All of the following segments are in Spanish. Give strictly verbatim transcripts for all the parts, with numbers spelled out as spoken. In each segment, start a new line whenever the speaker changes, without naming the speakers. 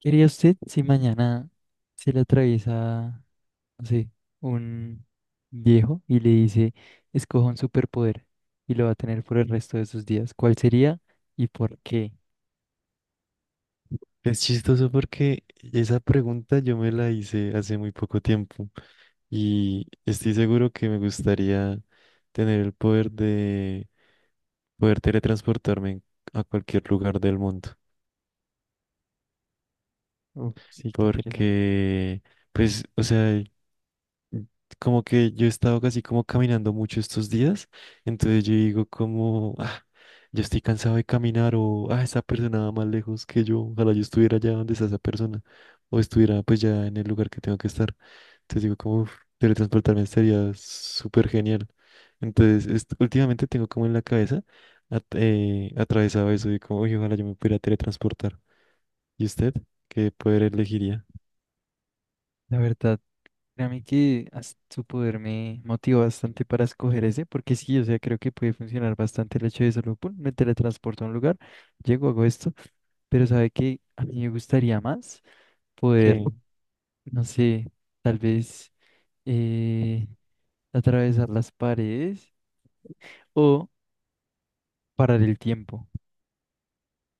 ¿Qué haría usted si mañana se le atraviesa, no sé, un viejo y le dice, escoja un superpoder y lo va a tener por el resto de sus días? ¿Cuál sería y por qué?
Es chistoso porque esa pregunta yo me la hice hace muy poco tiempo y estoy seguro que me gustaría tener el poder de poder teletransportarme en- a cualquier lugar del mundo.
Uf, sí, qué interesante.
Porque, pues, o sea, como que yo he estado casi como caminando mucho estos días, entonces yo digo como, ah, yo estoy cansado de caminar o, ah, esa persona va más lejos que yo, ojalá yo estuviera allá donde está esa persona o estuviera pues ya en el lugar que tengo que estar. Entonces digo, como: "Uf, teletransportarme sería súper genial". Entonces, est- últimamente tengo como en la cabeza at- eh, atravesado eso de como: "Uy, ojalá yo me pudiera teletransportar". ¿Y usted qué poder elegiría?
La verdad, créame que as- su poder me motivó bastante para escoger ese, porque sí, o sea, creo que puede funcionar bastante el hecho de solo, pum, me teletransporto a un lugar, llego, hago esto, pero sabe que a mí me gustaría más poder,
¿Qué?
no sé, tal vez, eh, atravesar las paredes o parar el tiempo.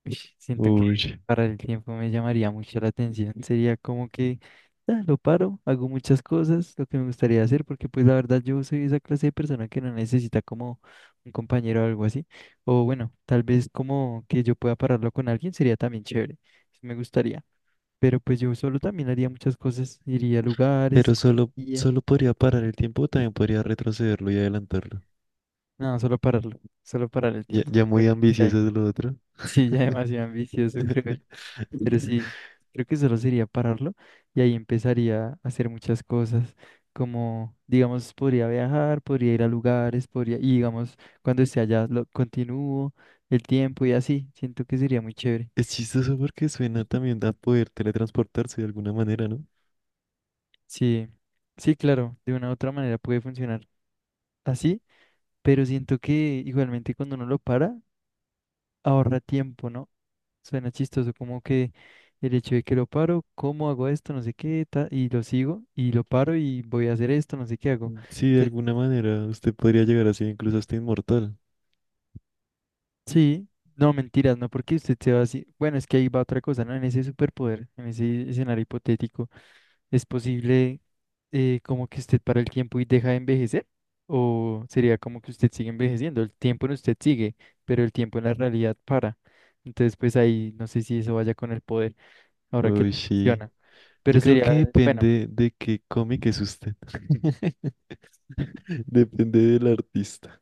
Uy, siento que
Uy.
parar el tiempo me llamaría mucho la atención. Sería como que ah, lo paro, hago muchas cosas, lo que me gustaría hacer, porque pues la verdad yo soy esa clase de persona que no necesita como un compañero o algo así. O bueno, tal vez como que yo pueda pararlo con alguien sería también chévere. Sí, me gustaría. Pero pues yo solo también haría muchas cosas, iría a lugares,
Pero, ¿solo,
iría.
solo podría parar el tiempo, o también podría retrocederlo y adelantarlo?
No, solo pararlo, solo parar el
Ya,
tiempo.
ya muy
Creo que está ahí.
ambicioso es lo otro.
Sí, ya demasiado ambicioso, creo yo. Pero sí, creo que solo sería pararlo y ahí empezaría a hacer muchas cosas, como, digamos, podría viajar, podría ir a lugares, podría, y digamos, cuando esté allá, lo continúo el tiempo y así. Siento que sería muy chévere.
Es chistoso porque suena también a poder teletransportarse de alguna manera, ¿no?
Sí, sí, claro, de una u otra manera puede funcionar así, pero siento que igualmente cuando uno lo para, ahorra tiempo, ¿no? Suena chistoso, como que el hecho de que lo paro, ¿cómo hago esto? No sé qué, ta- y lo sigo, y lo paro y voy a hacer esto, no sé qué hago.
Sí, de
Te-
alguna manera usted podría llegar así, incluso hasta inmortal.
sí, no, mentiras, no, porque usted se va así. Bueno, es que ahí va otra cosa, ¿no? En ese superpoder, en ese escenario hipotético, ¿es posible, eh, como que usted para el tiempo y deja de envejecer? ¿O sería como que usted sigue envejeciendo? El tiempo en usted sigue, pero el tiempo en la realidad para. Entonces, pues ahí no sé si eso vaya con el poder, ahora que lo
Uy, sí.
menciona. Pero
Yo creo que
sería, bueno.
depende de qué cómic es usted. Depende del artista.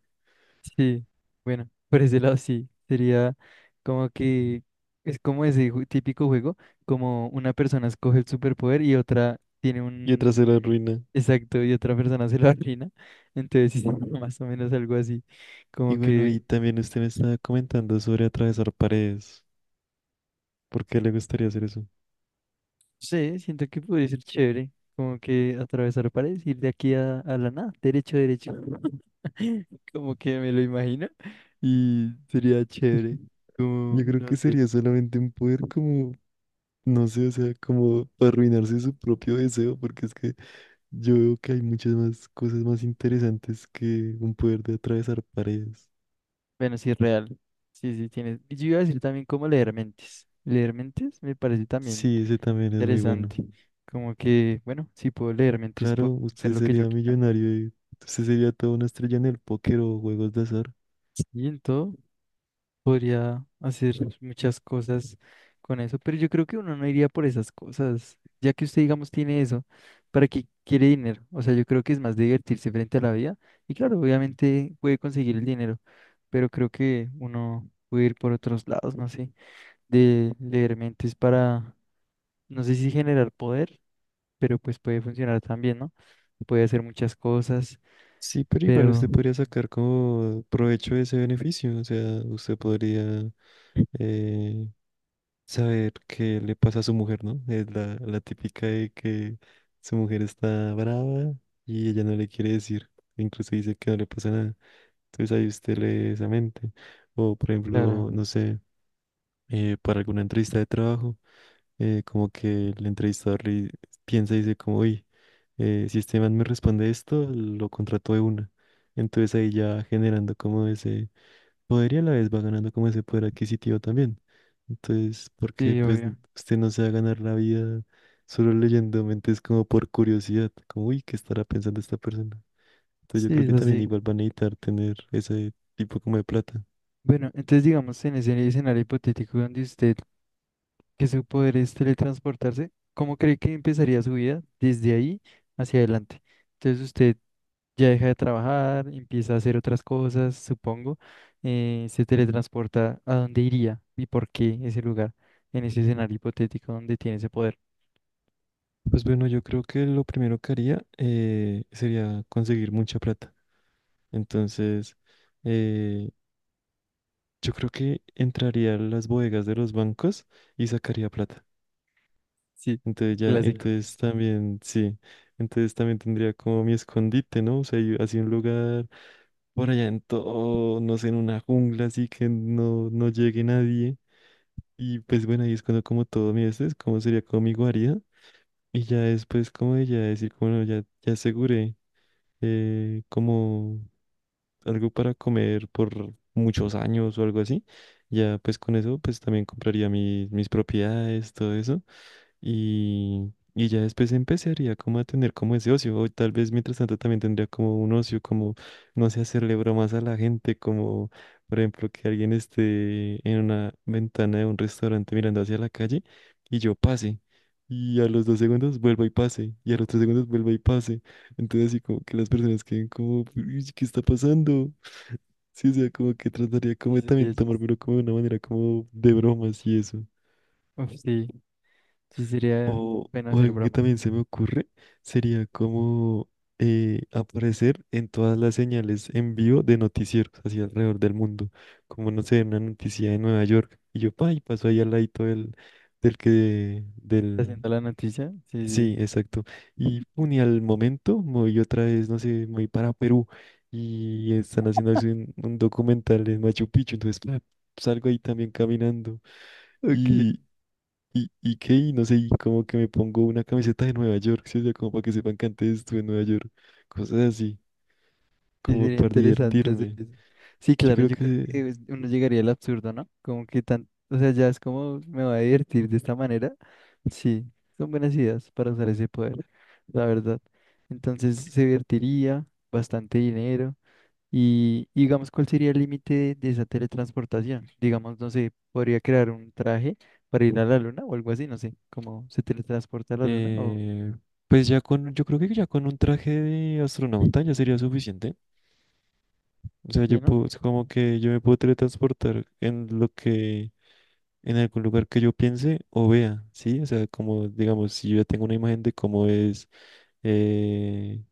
Sí, bueno, por ese lado sí, sería como que es como ese ju- típico juego, como una persona escoge el superpoder y otra tiene
Y otra
un
se la ruina.
exacto y otra persona se lo arruina, entonces sí, más o menos algo así,
Y
como
bueno, y
que,
también usted me estaba comentando sobre atravesar paredes. ¿Por qué le gustaría hacer eso?
sí, siento que podría ser chévere, como que atravesar paredes, ir de aquí a, a la nada, derecho, derecho, como que me lo imagino y sería chévere, como,
Yo creo
no
que
sé.
sería solamente un poder como, no sé, o sea, como arruinarse su propio deseo, porque es que yo veo que hay muchas más cosas más interesantes que un poder de atravesar paredes.
Bueno, sí, real. Sí, sí, tienes. Y yo iba a decir también cómo leer mentes. Leer mentes me parece también
Sí, ese también es muy bueno.
interesante. Como que, bueno, si puedo leer mentes,
Claro,
puedo hacer
usted
lo que yo
sería
quiera.
millonario y usted sería toda una estrella en el póker o juegos de azar.
Y en todo, podría hacer muchas cosas con eso, pero yo creo que uno no iría por esas cosas, ya que usted, digamos, tiene eso, ¿para qué quiere dinero? O sea, yo creo que es más divertirse frente a la vida. Y claro, obviamente puede conseguir el dinero, pero creo que uno puede ir por otros lados, no sé, de leer mentes para, no sé si generar poder, pero pues puede funcionar también, ¿no? Puede hacer muchas cosas,
Sí, pero igual
pero
usted podría sacar como provecho de ese beneficio. O sea, usted podría eh, saber qué le pasa a su mujer, ¿no? Es la, la típica de que su mujer está brava y ella no le quiere decir. Incluso dice que no le pasa nada. Entonces ahí usted lee esa mente. O por
claro,
ejemplo, no sé, eh, para alguna entrevista de trabajo. Eh, como que el entrevistador le piensa y dice como: uy, eh, si este man me responde esto, lo contrato de una. Entonces ahí ya generando como ese poder y a la vez va ganando como ese poder adquisitivo también. Entonces, porque
sí,
pues
obvio.
usted no se va a ganar la vida solo leyendo mentes como por curiosidad, como: uy, ¿qué estará pensando esta persona? Entonces yo
Sí,
creo
es
que también
así.
igual van a necesitar tener ese tipo como de plata.
Bueno, entonces digamos en ese escenario hipotético donde usted, que su poder es teletransportarse, ¿cómo cree que empezaría su vida desde ahí hacia adelante? Entonces usted ya deja de trabajar, empieza a hacer otras cosas, supongo, eh, se teletransporta a dónde iría y por qué ese lugar, en ese escenario hipotético donde tiene ese poder.
Pues bueno, yo creo que lo primero que haría, eh, sería conseguir mucha plata. Entonces, eh, yo creo que entraría a las bodegas de los bancos y sacaría plata.
Sí,
Entonces ya,
clásico.
entonces también, sí, entonces también tendría como mi escondite, ¿no? O sea, yo- así un lugar por allá en todo, no sé, en una jungla, así que no, no llegue nadie. Y pues bueno, ahí es cuando como todo mi este, es como sería como mi guarida. Y ya después, como de ya decir, como: bueno, ya, ya aseguré eh, como algo para comer por muchos años o algo así. Ya pues con eso pues también compraría mis, mis propiedades, todo eso. Y, y ya después empezaría como a tener como ese ocio. O tal vez mientras tanto también tendría como un ocio, como, no sé, hacerle bromas a la gente, como por ejemplo que alguien esté en una ventana de un restaurante mirando hacia la calle y yo pase. Y a los dos segundos vuelva y pase. Y a los tres segundos vuelva y pase. Entonces, así como que las personas queden como: "Uy, ¿qué está pasando?". Sí, o sea, como que trataría como
Ese
de también
sería chis-
tomármelo como de una manera como de bromas y eso.
Uf, sí, sí sería
O,
bueno
o
hacer
algo que
bromas.
también se me ocurre sería como eh, aparecer en todas las señales en vivo de noticieros hacia alrededor del mundo. Como, no sé, una noticia de Nueva York. Y yo, pa, y paso ahí al ladito del, del que, del,
Haciendo la noticia, sí, sí.
Sí, exacto. Y, pum, y al momento me voy otra vez, no sé, me voy para Perú y están haciendo así un, un documental en Machu Picchu, entonces pa, salgo ahí también caminando
Ok.
y, y, y qué, y no sé, y como que me pongo una camiseta de Nueva York, ¿sí? O sea, como para que sepan que antes estuve en Nueva York, cosas así,
Sí,
como
sería
para
interesante hacer
divertirme.
eso. Sí,
Yo
claro,
creo
yo creo
que,
que es- uno llegaría al absurdo, ¿no? Como que tan, o sea, ya es como me voy a divertir de esta manera. Sí, son buenas ideas para usar ese poder, la verdad. Entonces se divertiría, bastante dinero. Y, y digamos, ¿cuál sería el límite de esa teletransportación? Digamos, no sé, podría crear un traje para ir a la luna o algo así, no sé, como se teletransporta a la luna o...
eh, pues ya con, yo creo que ya con un traje de astronauta ya sería suficiente. O sea,
Sí,
yo
¿no?
puedo, es como que yo me puedo teletransportar en lo que, en algún lugar que yo piense o vea, ¿sí? O sea, como, digamos, si yo ya tengo una imagen de cómo es eh,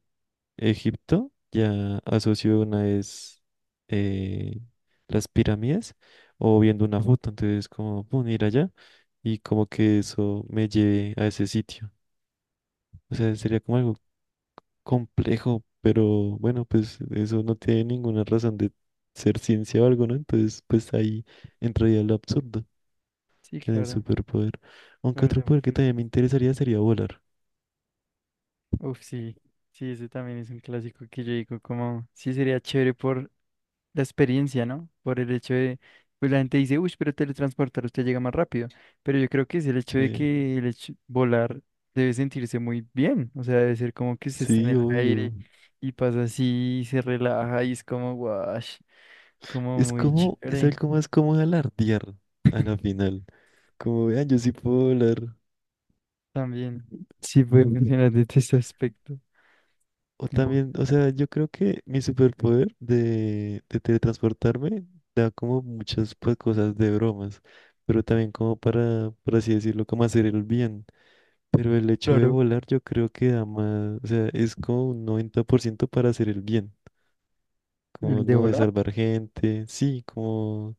Egipto, ya asocio una es eh, las pirámides o viendo una foto, entonces como, pum, ir allá y como que eso me lleve a ese sitio. O sea, sería como algo complejo, pero bueno, pues eso no tiene ninguna razón de ser ciencia o algo, ¿no? Entonces, pues ahí entraría lo absurdo
Sí,
en el
claro,
superpoder.
la
Aunque otro
verdad.
poder que también me interesaría sería volar.
Uf, sí, sí, ese también es un clásico que yo digo como, sí sería chévere por la experiencia, ¿no? Por el hecho de, pues la gente dice, uy, pero teletransportar usted llega más rápido, pero yo creo que es el hecho de
Sí,
que el hecho- volar debe sentirse muy bien, o sea, debe ser como que se está en
sí,
el
obvio.
aire y pasa así, y se relaja y es como, guash, como
Es
muy
como, es
chévere
algo más como alardear a la final. Como vean, yo sí puedo volar.
también. Sí puede funcionar desde ese aspecto.
O
Bueno,
también, o sea, yo creo que mi superpoder de, de teletransportarme da como muchas pues, cosas de bromas, pero también como para, por así decirlo, como hacer el bien. Pero el hecho de
claro,
volar yo creo que da más, o sea, es como un noventa por ciento para hacer el bien, como
el de
no, de
volar,
salvar gente, sí, como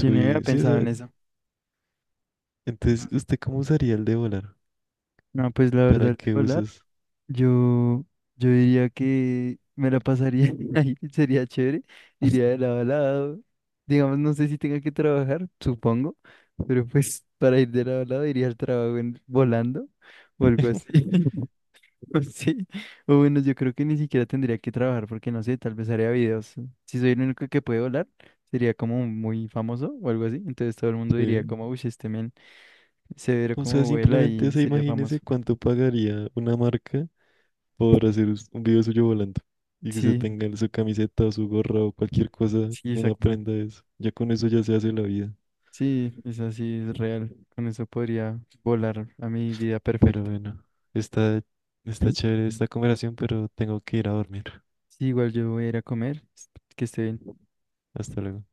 yo no había
sí, o
pensado en
sea,
eso.
entonces, ¿usted cómo usaría el de volar?
No, pues la verdad,
¿Para
el de
qué
volar.
usas?
Yo, yo diría que me la pasaría ahí, sería chévere, iría de lado a lado. Digamos, no sé si tenga que trabajar, supongo, pero pues para ir de lado a lado iría al trabajo en- volando o algo así. O sí, o bueno, yo creo que ni siquiera tendría que trabajar porque no sé, tal vez haría videos. Si soy el único que puede volar, sería como muy famoso o algo así. Entonces todo el mundo diría
Sí.
como, uy, este men severo
O sea,
como vuela
simplemente
y
se
sería famoso.
imagínese cuánto pagaría una marca por hacer us- un video suyo volando y que usted
Sí,
tenga su camiseta o su gorra o cualquier cosa,
sí,
una
exacto.
prenda de eso. Ya con eso ya se hace la vida.
Sí, es así, es real. Con eso podría volar a mi vida
Pero
perfecta.
bueno, está, está chévere esta conversación, pero tengo que ir a dormir.
Sí, igual yo voy a ir a comer, que esté bien.
Hasta luego.